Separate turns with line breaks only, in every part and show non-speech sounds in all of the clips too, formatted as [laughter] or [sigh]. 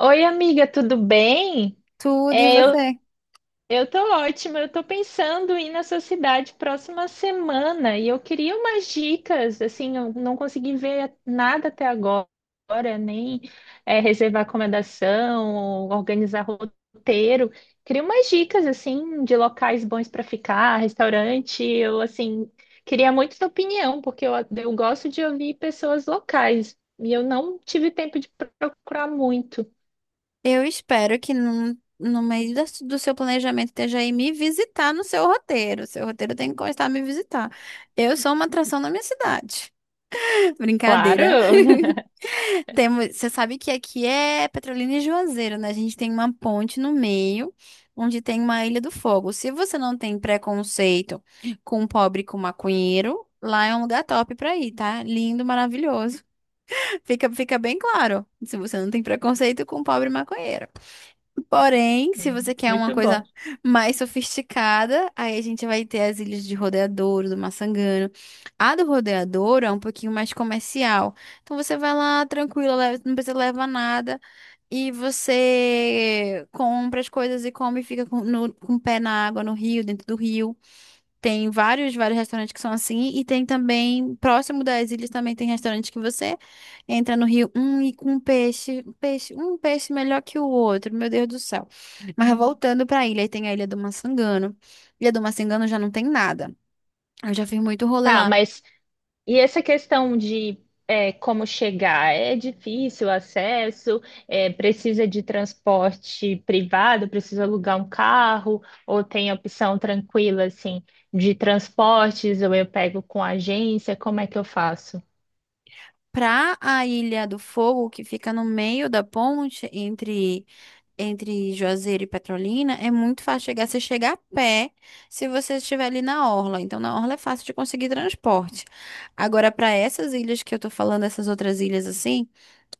Oi, amiga, tudo bem?
Tudo e
É, eu,
você?
eu tô ótima. Eu tô pensando em ir na sua cidade próxima semana e eu queria umas dicas. Assim, eu não consegui ver nada até agora, nem é, reservar acomodação, ou organizar roteiro. Queria umas dicas, assim, de locais bons para ficar, restaurante. Queria muito sua opinião, porque eu gosto de ouvir pessoas locais e eu não tive tempo de procurar muito.
Eu espero que no meio da- do seu planejamento esteja aí me visitar no seu roteiro. Seu roteiro tem que constar me visitar. Eu sou uma atração na minha cidade. [laughs] Brincadeira.
Claro.
[laughs] Temos, você sabe que aqui é Petrolina e Juazeiro, né? A gente tem uma ponte no meio, onde tem uma Ilha do Fogo. Se você não tem preconceito com um pobre e com um maconheiro, lá é um lugar top pra ir, tá? Lindo, maravilhoso. [laughs] Fica bem claro, se você não tem preconceito com um pobre e maconheiro. Porém, se você quer uma
Muito bom.
coisa mais sofisticada, aí a gente vai ter as ilhas de Rodeadouro, do Maçangano. A do Rodeadouro é um pouquinho mais comercial. Então você vai lá tranquila, leva- não precisa levar nada. E você compra as coisas e come e fica com, no- com o pé na água, no rio, dentro do rio. Tem vários restaurantes que são assim, e tem também, próximo das ilhas, também tem restaurante que você entra no rio, e com um peixe melhor que o outro, meu Deus do céu. Mas voltando pra ilha, aí tem a Ilha do Maçangano. Ilha do Maçangano já não tem nada. Eu já fiz muito rolê
Tá,
lá.
mas e essa questão de como chegar? É difícil o acesso? É, precisa de transporte privado? Precisa alugar um carro? Ou tem opção tranquila, assim, de transportes? Ou eu pego com agência? Como é que eu faço?
Pra a Ilha do Fogo, que fica no meio da ponte entre Juazeiro e Petrolina, é muito fácil chegar. Você chega a pé se você estiver ali na orla. Então, na orla é fácil de conseguir transporte. Agora, para essas ilhas que eu tô falando, essas outras ilhas assim,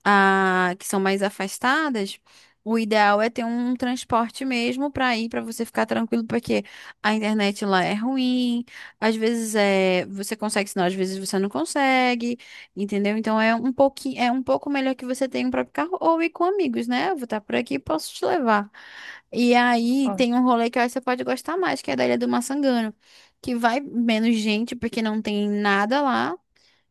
a- que são mais afastadas, o ideal é ter um transporte mesmo para ir, para você ficar tranquilo, porque a internet lá é ruim, às vezes é, você consegue sinal, às vezes você não consegue, entendeu? Então é um pouquinho, é um pouco melhor que você tenha um próprio carro ou ir com amigos, né? Eu vou estar por aqui, posso te levar. E aí tem
Ótimo.
um rolê que eu acho que você pode gostar mais, que é da Ilha do Maçangano, que vai menos gente, porque não tem nada lá.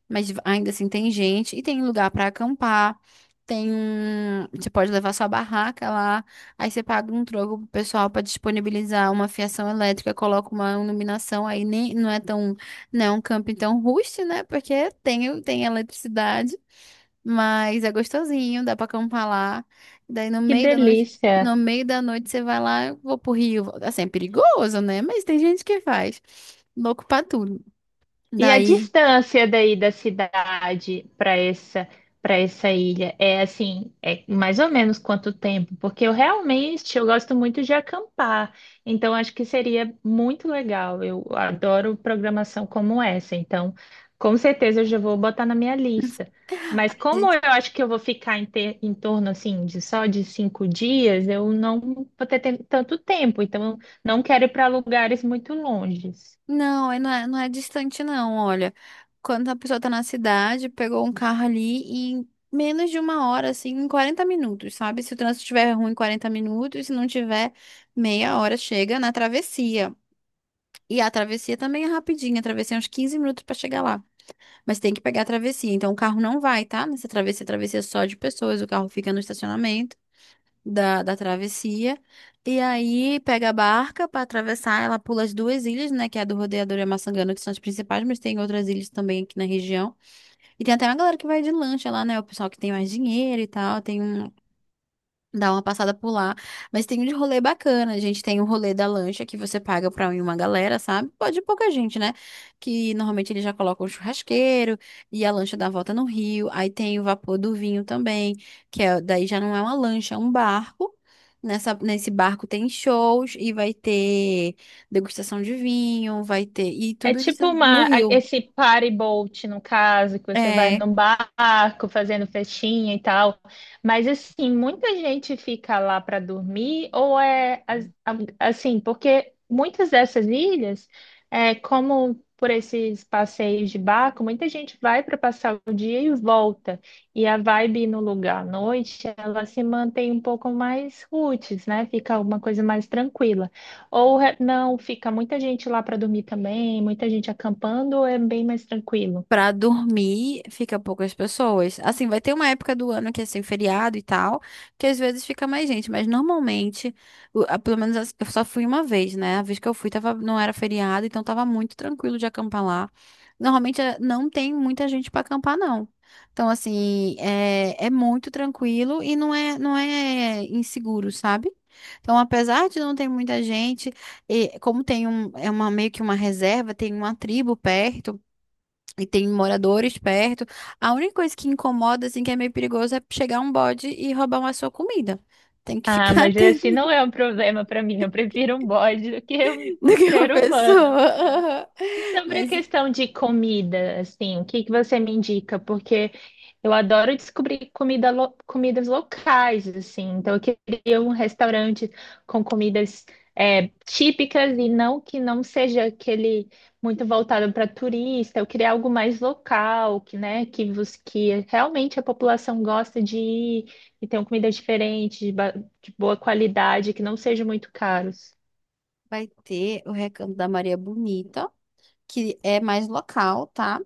Mas ainda assim tem gente e tem lugar para acampar. Tem um, você pode levar sua barraca lá, aí você paga um troco pro pessoal para disponibilizar uma fiação elétrica, coloca uma iluminação aí nem não é tão, não é um camping tão rústico, né? Porque tem eletricidade, mas é gostosinho, dá para acampar lá. Daí no
Que
meio da noite,
delícia!
no meio da noite você vai lá, eu vou pro rio, assim, é perigoso, né? Mas tem gente que faz. Louco pra tudo.
E a
Daí
distância daí da cidade para essa ilha é assim, é mais ou menos quanto tempo? Porque eu realmente eu gosto muito de acampar, então acho que seria muito legal. Eu adoro programação como essa, então com certeza eu já vou botar na minha lista. Mas como eu acho que eu vou ficar em torno assim de só de 5 dias, eu não vou ter tanto tempo, então não quero ir para lugares muito longe.
não, aí não é distante, não. Olha, quando a pessoa tá na cidade, pegou um carro ali e em menos de uma hora, assim, em 40 minutos, sabe? Se o trânsito estiver ruim, 40 minutos. Se não tiver, meia hora chega na travessia. E a travessia também é rapidinha, a travessia é uns 15 minutos pra chegar lá. Mas tem que pegar a travessia. Então o carro não vai, tá? Nessa travessia, a travessia é só de pessoas, o carro fica no estacionamento da travessia. E aí pega a barca para atravessar, ela pula as duas ilhas, né? Que é a do Rodeador e a Maçangana, que são as principais, mas tem outras ilhas também aqui na região. E tem até uma galera que vai de lancha lá, né? O pessoal que tem mais dinheiro e tal. Tem um dá uma passada por lá. Mas tem um de rolê bacana. A gente tem um rolê da lancha que você paga pra ir uma galera, sabe? Pode ir pouca gente, né? Que normalmente eles já colocam um churrasqueiro e a lancha dá a volta no rio. Aí tem o vapor do vinho também, que é, daí já não é uma lancha, é um barco. Nesse barco tem shows e vai ter degustação de vinho, vai ter. E
É
tudo isso
tipo
no rio.
esse party boat, no caso, que você vai
É,
num barco fazendo festinha e tal. Mas, assim, muita gente fica lá para dormir, ou assim, porque muitas dessas ilhas, é, como por esses passeios de barco, muita gente vai para passar o dia e volta. E a vibe no lugar à noite, ela se mantém um pouco mais roots, né? Fica uma coisa mais tranquila. Não, fica muita gente lá para dormir também, muita gente acampando, ou é bem mais tranquilo?
pra dormir, fica poucas pessoas. Assim, vai ter uma época do ano que é sem feriado e tal, que às vezes fica mais gente, mas normalmente, o- a- pelo menos as- eu só fui uma vez, né? A vez que eu fui tava, não era feriado, então tava muito tranquilo de acampar lá. Normalmente não tem muita gente pra acampar, não. Então, assim, é, é muito tranquilo e não é inseguro, sabe? Então, apesar de não ter muita gente, e como tem um, é uma meio que uma reserva, tem uma tribo perto. E tem moradores perto. A única coisa que incomoda, assim, que é meio perigoso é chegar um bode e roubar uma sua comida. Tem que
Ah,
ficar [laughs]
mas esse
atento
não é um problema para mim. Eu prefiro um bode do que um,
do
um
que uma
ser humano.
pessoa.
E
[laughs]
sobre a
Mas
questão de comida, assim, o que que você me indica? Porque eu adoro descobrir comidas locais, assim. Então eu queria um restaurante com comidas típicas e não que não seja aquele muito voltado para turista. Eu queria algo mais local, que, né, que, vos- que realmente a população gosta de ir e tenham comidas diferentes, de boa qualidade, que não sejam muito caros.
vai ter o Recanto da Maria Bonita, que é mais local, tá?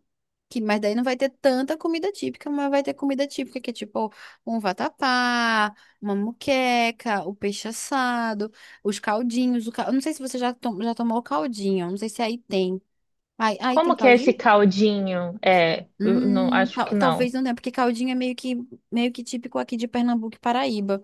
Que, mas daí não vai ter tanta comida típica, mas vai ter comida típica, que é tipo um vatapá, uma moqueca, o peixe assado, os caldinhos. O cal... eu não sei se você já, tom... já tomou caldinho, não sei se aí tem. Aí, aí tem
Como que é esse
caldinho?
caldinho? É, eu não, acho que
Tal- talvez
não.
não tenha, porque caldinho é meio que típico aqui de Pernambuco e Paraíba.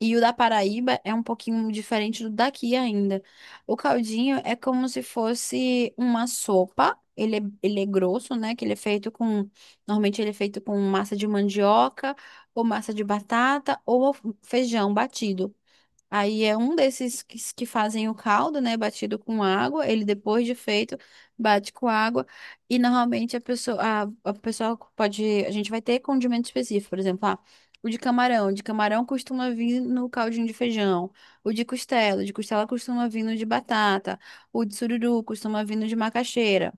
E o da Paraíba é um pouquinho diferente do daqui ainda. O caldinho é como se fosse uma sopa. Ele é grosso, né? Que ele é feito com. Normalmente ele é feito com massa de mandioca, ou massa de batata, ou feijão batido. Aí é um desses que fazem o caldo, né? Batido com água. Ele, depois de feito, bate com água. E normalmente a pessoa, a pessoa pode. A gente vai ter condimento específico, por exemplo, ah, o de camarão. O de camarão costuma vir no caldinho de feijão. O de costela. O de costela costuma vir no de batata. O de sururu costuma vir no de macaxeira.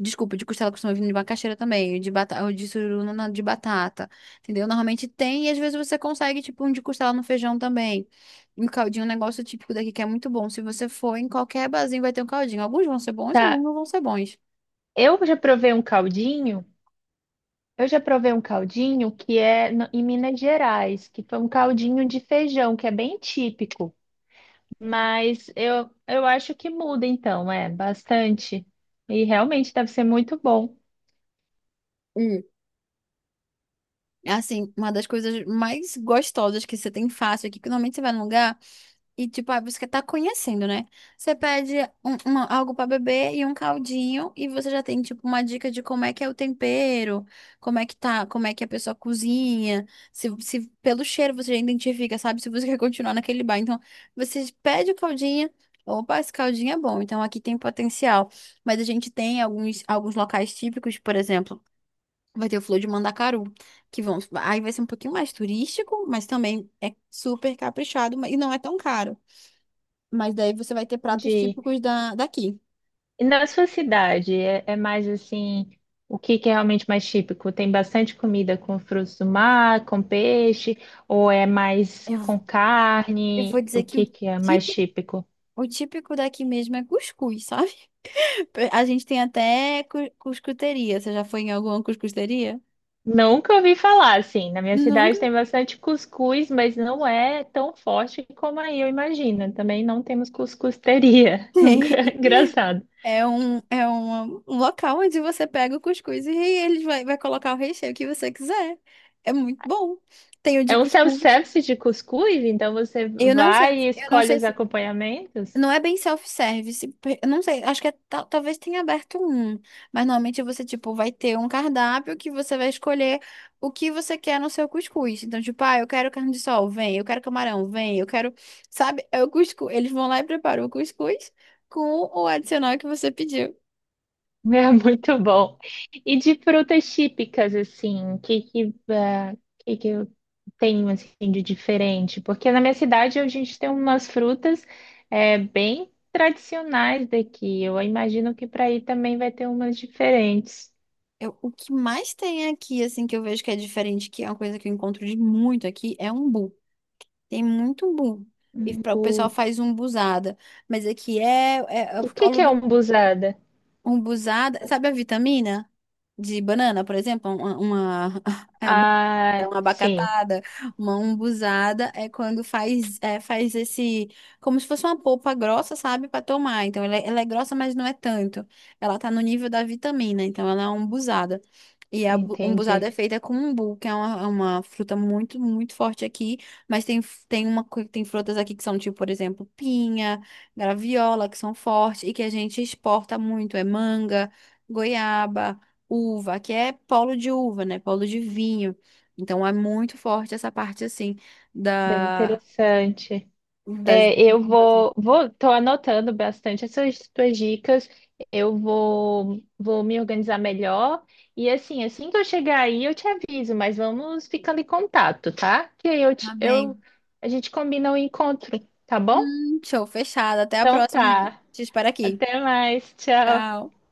Desculpa, de costela costuma vir de macaxeira também, de batata, ou de suruna na- de batata, entendeu? Normalmente tem e às vezes você consegue, tipo, um de costela no feijão também. Um caldinho, um negócio típico daqui que é muito bom. Se você for em qualquer barzinho, vai ter um caldinho. Alguns vão ser bons, alguns
Tá,
não vão ser bons.
eu já provei um caldinho. Eu já provei um caldinho que é em Minas Gerais, que foi um caldinho de feijão, que é bem típico. Mas eu acho que muda, então, é bastante. E realmente deve ser muito bom
Hum. Assim, uma das coisas mais gostosas que você tem fácil aqui, que normalmente você vai num lugar. E, tipo, ah, você tá conhecendo, né? Você pede um- uma- algo pra beber e um caldinho, e você já tem, tipo, uma dica de como é que é o tempero, como é que tá, como é que a pessoa cozinha, se pelo cheiro você já identifica, sabe? Se você [laughs] quer continuar naquele bar. Então, você pede o caldinho, opa, esse caldinho é bom, então aqui tem potencial. Mas a gente tem alguns locais típicos, por exemplo, vai ter o Flor de Mandacaru que vão, aí vai ser um pouquinho mais turístico, mas também é super caprichado mas- e não é tão caro. Mas daí você vai ter pratos
de
típicos da, daqui.
E na sua cidade, é mais assim, o que que é realmente mais típico? Tem bastante comida com frutos do mar, com peixe, ou é mais
Eu,
com
eu vou
carne? O
dizer que
que que é mais
típico,
típico?
o típico daqui mesmo é cuscuz, sabe? [laughs] A gente tem até cu- cuscuteria. Você já foi em alguma cuscuteria?
Nunca ouvi falar, assim. Na minha
Nunca
cidade
[laughs]
tem bastante cuscuz, mas não é tão forte como aí eu imagino. Também não temos cuscusteria. [laughs]
tem.
Nunca. Engraçado.
É um, é uma- um local onde você pega o cuscuz e eles vai, vai colocar o recheio que você quiser. É muito bom. Tem o de
É um
cuscuz.
self-service de cuscuz, então você vai e
Eu não
escolhe
sei
os
se
acompanhamentos?
Não é bem self-service. Pe- Eu não sei, acho que é ta- talvez tenha aberto um. Mas normalmente você, tipo, vai ter um cardápio que você vai escolher o que você quer no seu cuscuz. Então, tipo, ah, eu quero carne de sol, vem. Eu quero camarão, vem. Eu quero, sabe? É o cuscuz. Eles vão lá e preparam o cuscuz com o adicional que você pediu.
[laughs] É muito bom. E de frutas típicas, assim, que que eu tenho, assim, de diferente? Porque na minha cidade a gente tem umas frutas bem tradicionais daqui. Eu imagino que para aí também vai ter umas diferentes.
Eu- o que mais tem aqui, assim, que eu vejo que é diferente, que é uma coisa que eu encontro de muito aqui, é umbu. Tem muito umbu. E pra, o
Umbu-
pessoal faz umbuzada. Mas aqui é, é, é o
O que
polo
que é
do
umbuzada?
umbuzada, sabe a vitamina de banana, por exemplo? [laughs] É uma é
Ah,
uma
sim,
abacatada, uma umbuzada é quando faz é, faz esse como se fosse uma polpa grossa, sabe, para tomar. Então ela é grossa, mas não é tanto. Ela tá no nível da vitamina, então ela é uma umbuzada. E a bu- umbuzada é
entendi.
feita com umbu, que é uma fruta muito forte aqui, mas tem uma co- tem frutas aqui que são tipo, por exemplo, pinha, graviola, que são fortes e que a gente exporta muito, é manga, goiaba, uva, que é polo de uva, né? Polo de vinho. Então é muito forte essa parte assim
Bem
da
interessante.
das
Tô anotando bastante essas tuas dicas. Vou me organizar melhor. E assim que eu chegar aí, eu te aviso, mas vamos ficando em contato, tá? Que aí eu,
tá
te- eu,
bem.
a gente combina o encontro, tá bom?
Show, fechado. Até a próxima, amiga.
Tá.
Te espero aqui.
Até mais. Tchau.
Tchau.